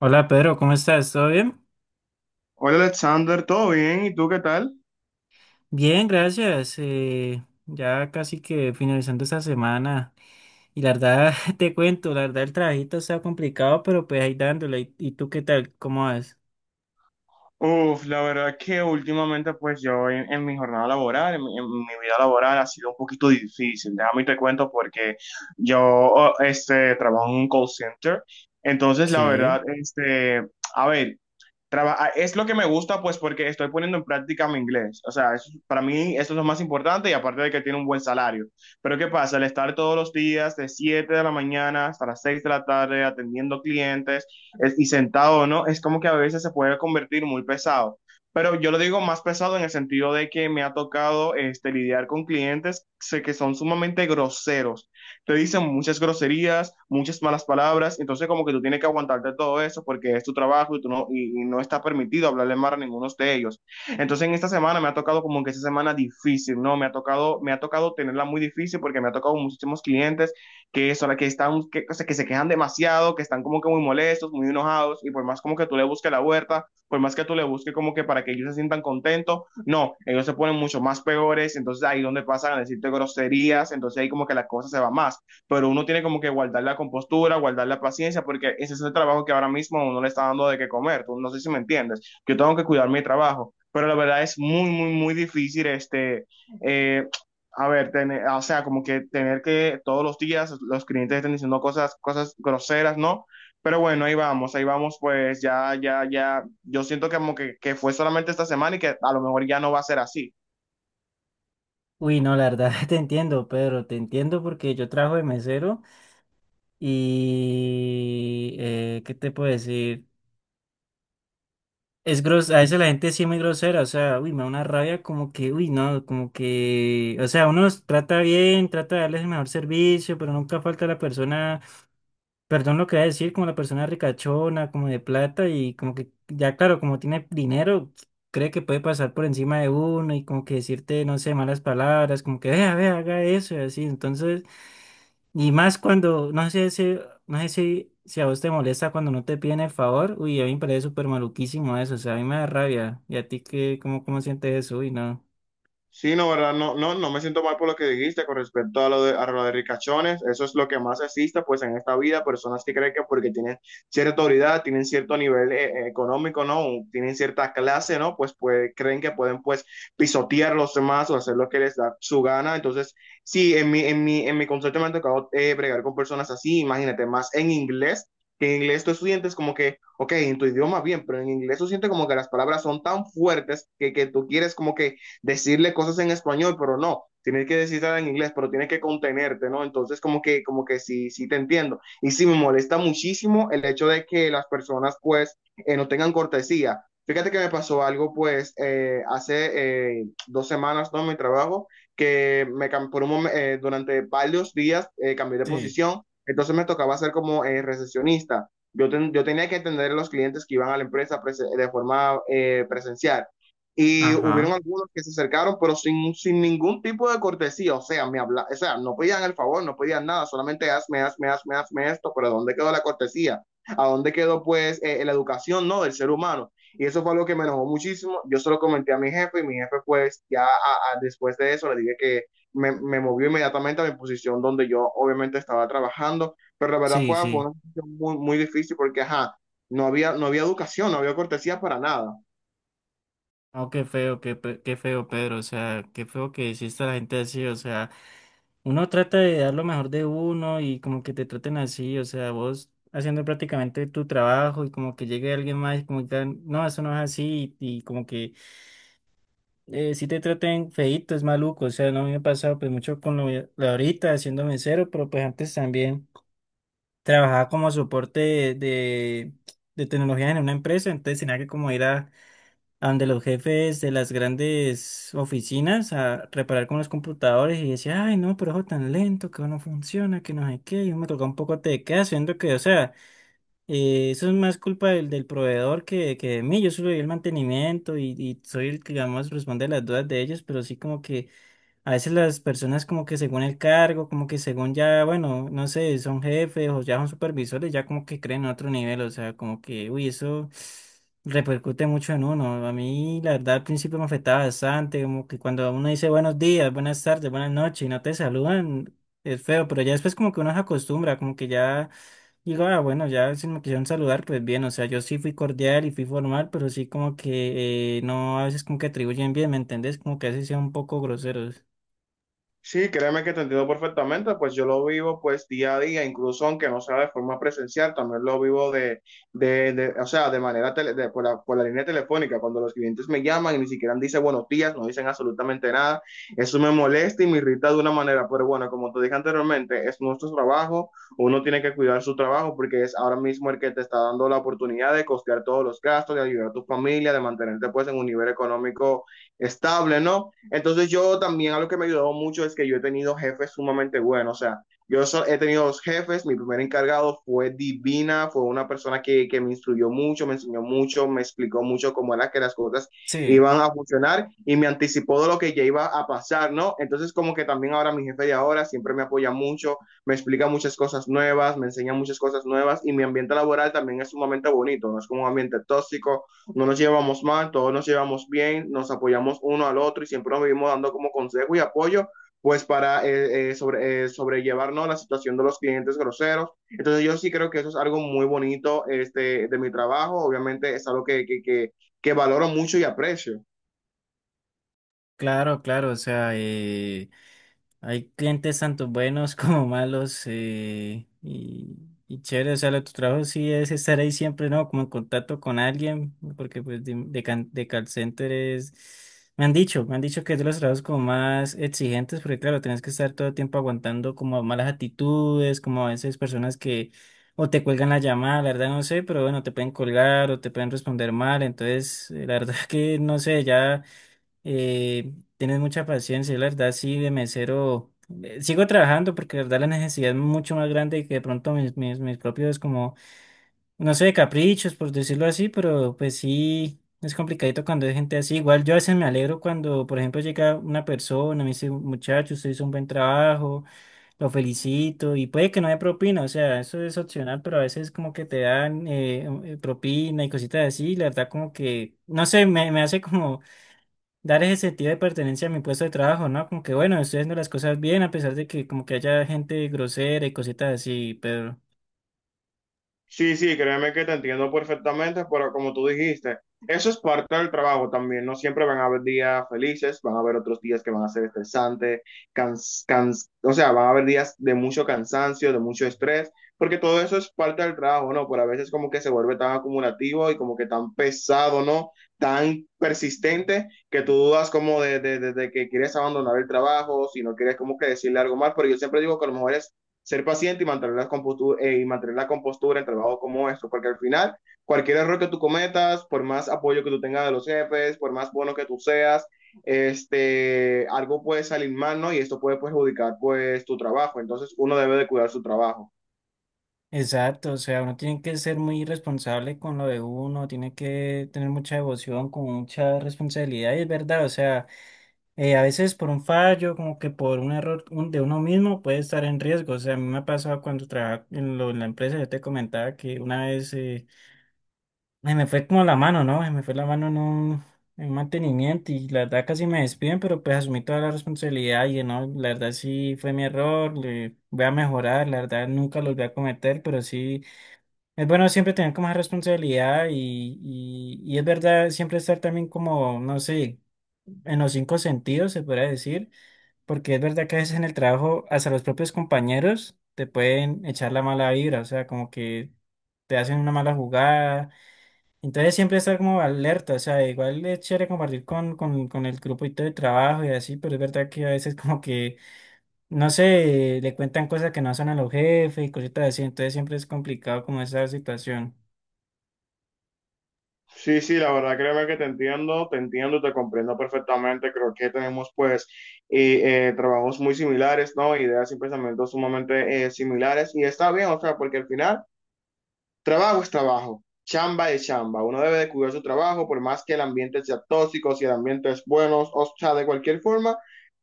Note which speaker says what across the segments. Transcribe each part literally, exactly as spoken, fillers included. Speaker 1: Hola Pedro, ¿cómo estás? ¿Todo bien?
Speaker 2: Hola Alexander, ¿todo bien? ¿Y tú qué tal?
Speaker 1: Bien, gracias. Eh, ya casi que finalizando esta semana. Y la verdad, te cuento, la verdad el trabajito está complicado, pero pues ahí dándole. ¿Y, y tú qué tal? ¿Cómo vas?
Speaker 2: Uf, la verdad que últimamente pues yo en, en mi jornada laboral, en mi, en mi vida laboral ha sido un poquito difícil, déjame y te cuento porque yo oh, este, trabajo en un call center, entonces la
Speaker 1: Sí.
Speaker 2: verdad, este, a ver, Traba- ah, es lo que me gusta, pues, porque estoy poniendo en práctica mi inglés. O sea, es- para mí esto es lo más importante y aparte de que tiene un buen salario. Pero ¿qué pasa? El estar todos los días de siete de la mañana hasta las seis de la tarde atendiendo clientes es- y sentado, ¿no? Es como que a veces se puede convertir muy pesado. Pero yo lo digo más pesado en el sentido de que me ha tocado este, lidiar con clientes sé que son sumamente groseros, te dicen muchas groserías, muchas malas palabras, entonces como que tú tienes que aguantarte todo eso porque es tu trabajo y, tú no, y, y no está permitido hablarle mal a ninguno de ellos. Entonces en esta semana me ha tocado como que esta semana difícil, ¿no? Me ha tocado, me ha tocado tenerla muy difícil porque me ha tocado muchísimos clientes que son que están, que, o que se quejan demasiado, que están como que muy molestos, muy enojados y por más como que tú le busques la vuelta, por más que tú le busques como que para que ellos se sientan contentos, no, ellos se ponen mucho más peores, entonces ahí donde pasan a decirte groserías, entonces ahí como que la cosa se va más. Pero uno tiene como que guardar la compostura, guardar la paciencia, porque ese es el trabajo que ahora mismo uno le está dando de qué comer. Tú no sé si me entiendes. Yo tengo que cuidar mi trabajo, pero la verdad es muy, muy, muy difícil este. Eh, a ver, tener, o sea, como que tener que todos los días los clientes estén diciendo cosas, cosas groseras, ¿no? Pero bueno, ahí vamos, ahí vamos, pues ya, ya, ya, yo siento que como que, que fue solamente esta semana y que a lo mejor ya no va a ser así.
Speaker 1: Uy, no, la verdad te entiendo, Pedro, te entiendo porque yo trabajo de mesero y eh, ¿qué te puedo decir? Es gros, a veces la gente sí es muy grosera, o sea, uy, me da una rabia como que, uy, no, como que, o sea, uno los trata bien, trata de darles el mejor servicio, pero nunca falta la persona, perdón lo que voy a decir, como la persona ricachona, como de plata y como que, ya claro, como tiene dinero, cree que puede pasar por encima de uno y como que decirte, no sé, malas palabras, como que, vea, vea, haga eso y así, entonces. Y más cuando, no sé si, no sé si, si a vos te molesta cuando no te piden el favor. Uy, a mí me parece súper maluquísimo eso. O sea, a mí me da rabia. ¿Y a ti qué, cómo, cómo sientes eso? Uy, no.
Speaker 2: Sí, no, ¿verdad? No, no, no me siento mal por lo que dijiste con respecto a lo de, a lo de ricachones. Eso es lo que más existe, pues, en esta vida. Personas que creen que porque tienen cierta autoridad, tienen cierto nivel eh, eh, económico, ¿no? O tienen cierta clase, ¿no? Pues, pues creen que pueden, pues, pisotear a los demás o hacer lo que les da su gana. Entonces, sí, en mi, en mi, en mi concepto me ha tocado eh, bregar con personas así. Imagínate, más en inglés, que en inglés tú estudiantes como que, ok, en tu idioma bien, pero en inglés tú sientes como que las palabras son tan fuertes que, que tú quieres como que decirle cosas en español, pero no, tienes que decirla en inglés, pero tienes que contenerte, ¿no? Entonces, como que, como que sí, sí te entiendo. Y sí me molesta muchísimo el hecho de que las personas, pues, eh, no tengan cortesía. Fíjate que me pasó algo, pues, eh, hace eh, dos semanas, ¿no? En mi trabajo, que me cam- por un momen- eh, durante varios días eh, cambié de
Speaker 1: Sí.
Speaker 2: posición, entonces me tocaba ser como eh, recepcionista. Yo, ten- yo tenía que atender a los clientes que iban a la empresa prese- de forma eh, presencial. Y hubieron
Speaker 1: Ajá.
Speaker 2: algunos que se acercaron, pero sin, sin ningún tipo de cortesía. O sea, me habla, o sea, no pedían el favor, no pedían nada, solamente hazme, hazme, hazme, hazme esto. Pero ¿dónde quedó la cortesía? ¿A dónde quedó, pues, eh, la educación, no, del ser humano? Y eso fue algo que me enojó muchísimo. Yo se lo comenté a mi jefe y mi jefe, pues, ya a, a, después de eso le dije que me, me, movió inmediatamente a mi posición donde yo obviamente estaba trabajando. Pero la verdad
Speaker 1: Sí,
Speaker 2: fue, fue
Speaker 1: sí.
Speaker 2: una posición muy, muy difícil porque, ajá, no había, no había educación, no había cortesía para nada.
Speaker 1: Oh, qué feo, qué, pe- qué feo, Pedro. O sea, qué feo que hiciste a la gente así. O sea, uno trata de dar lo mejor de uno y como que te traten así. O sea, vos haciendo prácticamente tu trabajo y como que llegue alguien más y como que digan, no, eso no es así. Y, y como que eh, sí te traten feíto, es maluco. O sea, no me ha pasado pues mucho con lo, lo ahorita haciendo mesero, pero pues antes también trabajaba como soporte de, de, de tecnología en una empresa, entonces tenía que como ir a, a donde los jefes de las grandes oficinas a reparar con los computadores y decía, ay no, pero eso tan lento, que no funciona, que no sé qué, y yo me tocaba un poco de quedas, siendo que, o sea, eh, eso es más culpa del, del proveedor que, que de mí. Yo solo doy el mantenimiento y, y soy el que, digamos, responde a las dudas de ellos, pero sí como que a veces las personas como que según el cargo, como que según ya, bueno, no sé, son jefes o ya son supervisores, ya como que creen en otro nivel, o sea, como que, uy, eso repercute mucho en uno. A mí, la verdad, al principio me afectaba bastante, como que cuando uno dice buenos días, buenas tardes, buenas noches y no te saludan, es feo, pero ya después como que uno se acostumbra, como que ya digo, ah, bueno, ya si me quisieron saludar, pues bien, o sea, yo sí fui cordial y fui formal, pero sí como que eh, no, a veces como que atribuyen bien, ¿me entendés? Como que a veces sean un poco groseros.
Speaker 2: Sí, créeme que te entiendo perfectamente, pues yo lo vivo pues día a día, incluso aunque no sea de forma presencial, también lo vivo de, de, de- o sea, de manera tele- de- por la, por la línea telefónica, cuando los clientes me llaman y ni siquiera dicen buenos días, no dicen absolutamente nada, eso me molesta y me irrita de una manera, pero bueno, como te dije anteriormente, es nuestro trabajo, uno tiene que cuidar su trabajo porque es ahora mismo el que te está dando la oportunidad de costear todos los gastos, de ayudar a tu familia, de mantenerte pues en un nivel económico estable, ¿no? Entonces yo también algo que me ayudó mucho es que yo he tenido jefes sumamente buenos, o sea, yo so, he tenido dos jefes, mi primer encargado fue divina, fue una persona que, que, me instruyó mucho, me enseñó mucho, me explicó mucho cómo era que las cosas
Speaker 1: Sí,
Speaker 2: iban a funcionar y me anticipó de lo que ya iba a pasar, ¿no? Entonces como que también ahora mi jefe de ahora siempre me apoya mucho, me explica muchas cosas nuevas, me enseña muchas cosas nuevas y mi ambiente laboral también es sumamente bonito, no es como un ambiente tóxico, no nos llevamos mal, todos nos llevamos bien, nos apoyamos uno al otro y siempre nos vivimos dando como consejo y apoyo, pues para eh, eh, sobre, eh, sobrellevarnos la situación de los clientes groseros. Entonces yo sí creo que eso es algo muy bonito este, de mi trabajo, obviamente es algo que, que, que, que valoro mucho y aprecio.
Speaker 1: claro, claro, o sea, eh, hay clientes tanto buenos como malos eh, y, y chévere, o sea, lo de tu trabajo sí es estar ahí siempre, ¿no? Como en contacto con alguien, porque pues de, de, can- de call center es, me han dicho, me han dicho que es de los trabajos como más exigentes, porque claro, tienes que estar todo el tiempo aguantando como malas actitudes, como a veces personas que o te cuelgan la llamada, la verdad no sé, pero bueno, te pueden colgar o te pueden responder mal, entonces, eh, la verdad que no sé, ya. Eh, Tienes mucha paciencia, la verdad, sí, de mesero. eh, Sigo trabajando porque la verdad la necesidad es mucho más grande que de pronto mis, mis, mis propios como, no sé, caprichos, por decirlo así, pero pues sí, es complicadito cuando hay gente así. Igual yo a veces me alegro cuando, por ejemplo, llega una persona, me dice, muchacho, usted hizo un buen trabajo, lo felicito, y puede que no haya propina, o sea, eso es opcional, pero a veces como que te dan eh, eh, propina y cositas así, la verdad como que, no sé, me, me hace como dar ese sentido de pertenencia a mi puesto de trabajo, ¿no? Como que bueno, estoy haciendo las cosas bien a pesar de que como que haya gente grosera y cositas así, pero
Speaker 2: Sí, sí, créeme que te entiendo perfectamente, pero como tú dijiste, eso es parte del trabajo también. No siempre van a haber días felices, van a haber otros días que van a ser estresantes, cans- cans- o sea, van a haber días de mucho cansancio, de mucho estrés, porque todo eso es parte del trabajo, ¿no? Pero a veces como que se vuelve tan acumulativo y como que tan pesado, ¿no? Tan persistente que tú dudas como de, de, de- de que quieres abandonar el trabajo, si no quieres como que decirle algo más, pero yo siempre digo que a lo mejor es ser paciente y mantener la compostura, eh, y mantener la compostura en trabajos como esto, porque al final cualquier error que tú cometas, por más apoyo que tú tengas de los jefes, por más bueno que tú seas, este, algo puede salir mal, ¿no? Y esto puede perjudicar pues tu trabajo, entonces uno debe de cuidar su trabajo.
Speaker 1: exacto, o sea, uno tiene que ser muy responsable con lo de uno, tiene que tener mucha devoción, con mucha responsabilidad, y es verdad, o sea, eh, a veces por un fallo, como que por un error un- de uno mismo puede estar en riesgo, o sea, a mí me ha pasado cuando trabajaba en, lo- en la empresa, yo te comentaba que una vez. eh, Ay, me fue como la mano, ¿no? Ay, me fue la mano en un en mantenimiento y la verdad casi me despiden, pero pues asumí toda la responsabilidad y no, la verdad sí fue mi error, le voy a mejorar, la verdad nunca los voy a cometer, pero sí es bueno siempre tener como esa responsabilidad y, y, y es verdad siempre estar también como, no sé, en los cinco sentidos se podría decir, porque es verdad que a veces en el trabajo hasta los propios compañeros te pueden echar la mala vibra, o sea, como que te hacen una mala jugada, entonces siempre estar como alerta, o sea, igual es chévere compartir con, con, con el grupo y todo de trabajo y así, pero es verdad que a veces como que, no sé, le cuentan cosas que no son a los jefes y cositas así, entonces siempre es complicado como esa situación.
Speaker 2: Sí, sí, la verdad creo que te entiendo, te entiendo, y te comprendo perfectamente. Creo que tenemos pues y, eh, trabajos muy similares, ¿no? Ideas y pensamientos sumamente eh, similares. Y está bien, o sea, porque al final trabajo es trabajo, chamba es chamba. Uno debe de cuidar su trabajo, por más que el ambiente sea tóxico, si el ambiente es bueno, o sea, de cualquier forma,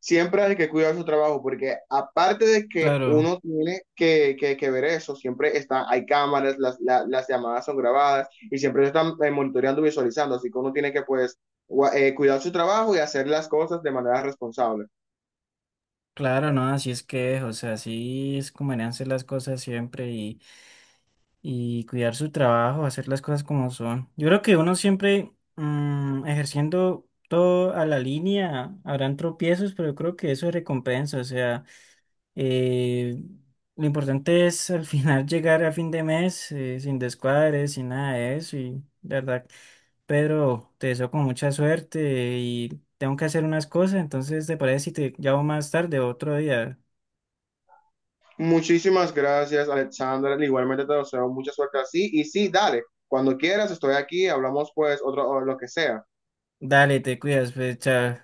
Speaker 2: siempre hay que cuidar su trabajo, porque aparte de que
Speaker 1: Claro,
Speaker 2: uno tiene que, que- que ver eso, siempre están, hay cámaras, las, la- las llamadas son grabadas y siempre se están eh, monitoreando, visualizando, así que uno tiene que pues gua- eh, cuidar su trabajo y hacer las cosas de manera responsable.
Speaker 1: claro, no, así es que es, o sea, así es como deberían ser las cosas siempre y, y cuidar su trabajo, hacer las cosas como son. Yo creo que uno siempre mm, ejerciendo todo a la línea, habrán tropiezos, pero yo creo que eso es recompensa, o sea. Eh, lo importante es al final llegar a fin de mes eh, sin descuadres, sin nada de eso. Y de verdad, Pedro, te deseo con mucha suerte y tengo que hacer unas cosas. Entonces, ¿te parece si te llamo más tarde, otro día?
Speaker 2: Muchísimas gracias, Alexandra. Igualmente te deseo mucha suerte así. Y sí, dale, cuando quieras, estoy aquí, hablamos pues otro, o lo que sea.
Speaker 1: Dale, te cuidas, pues, chao.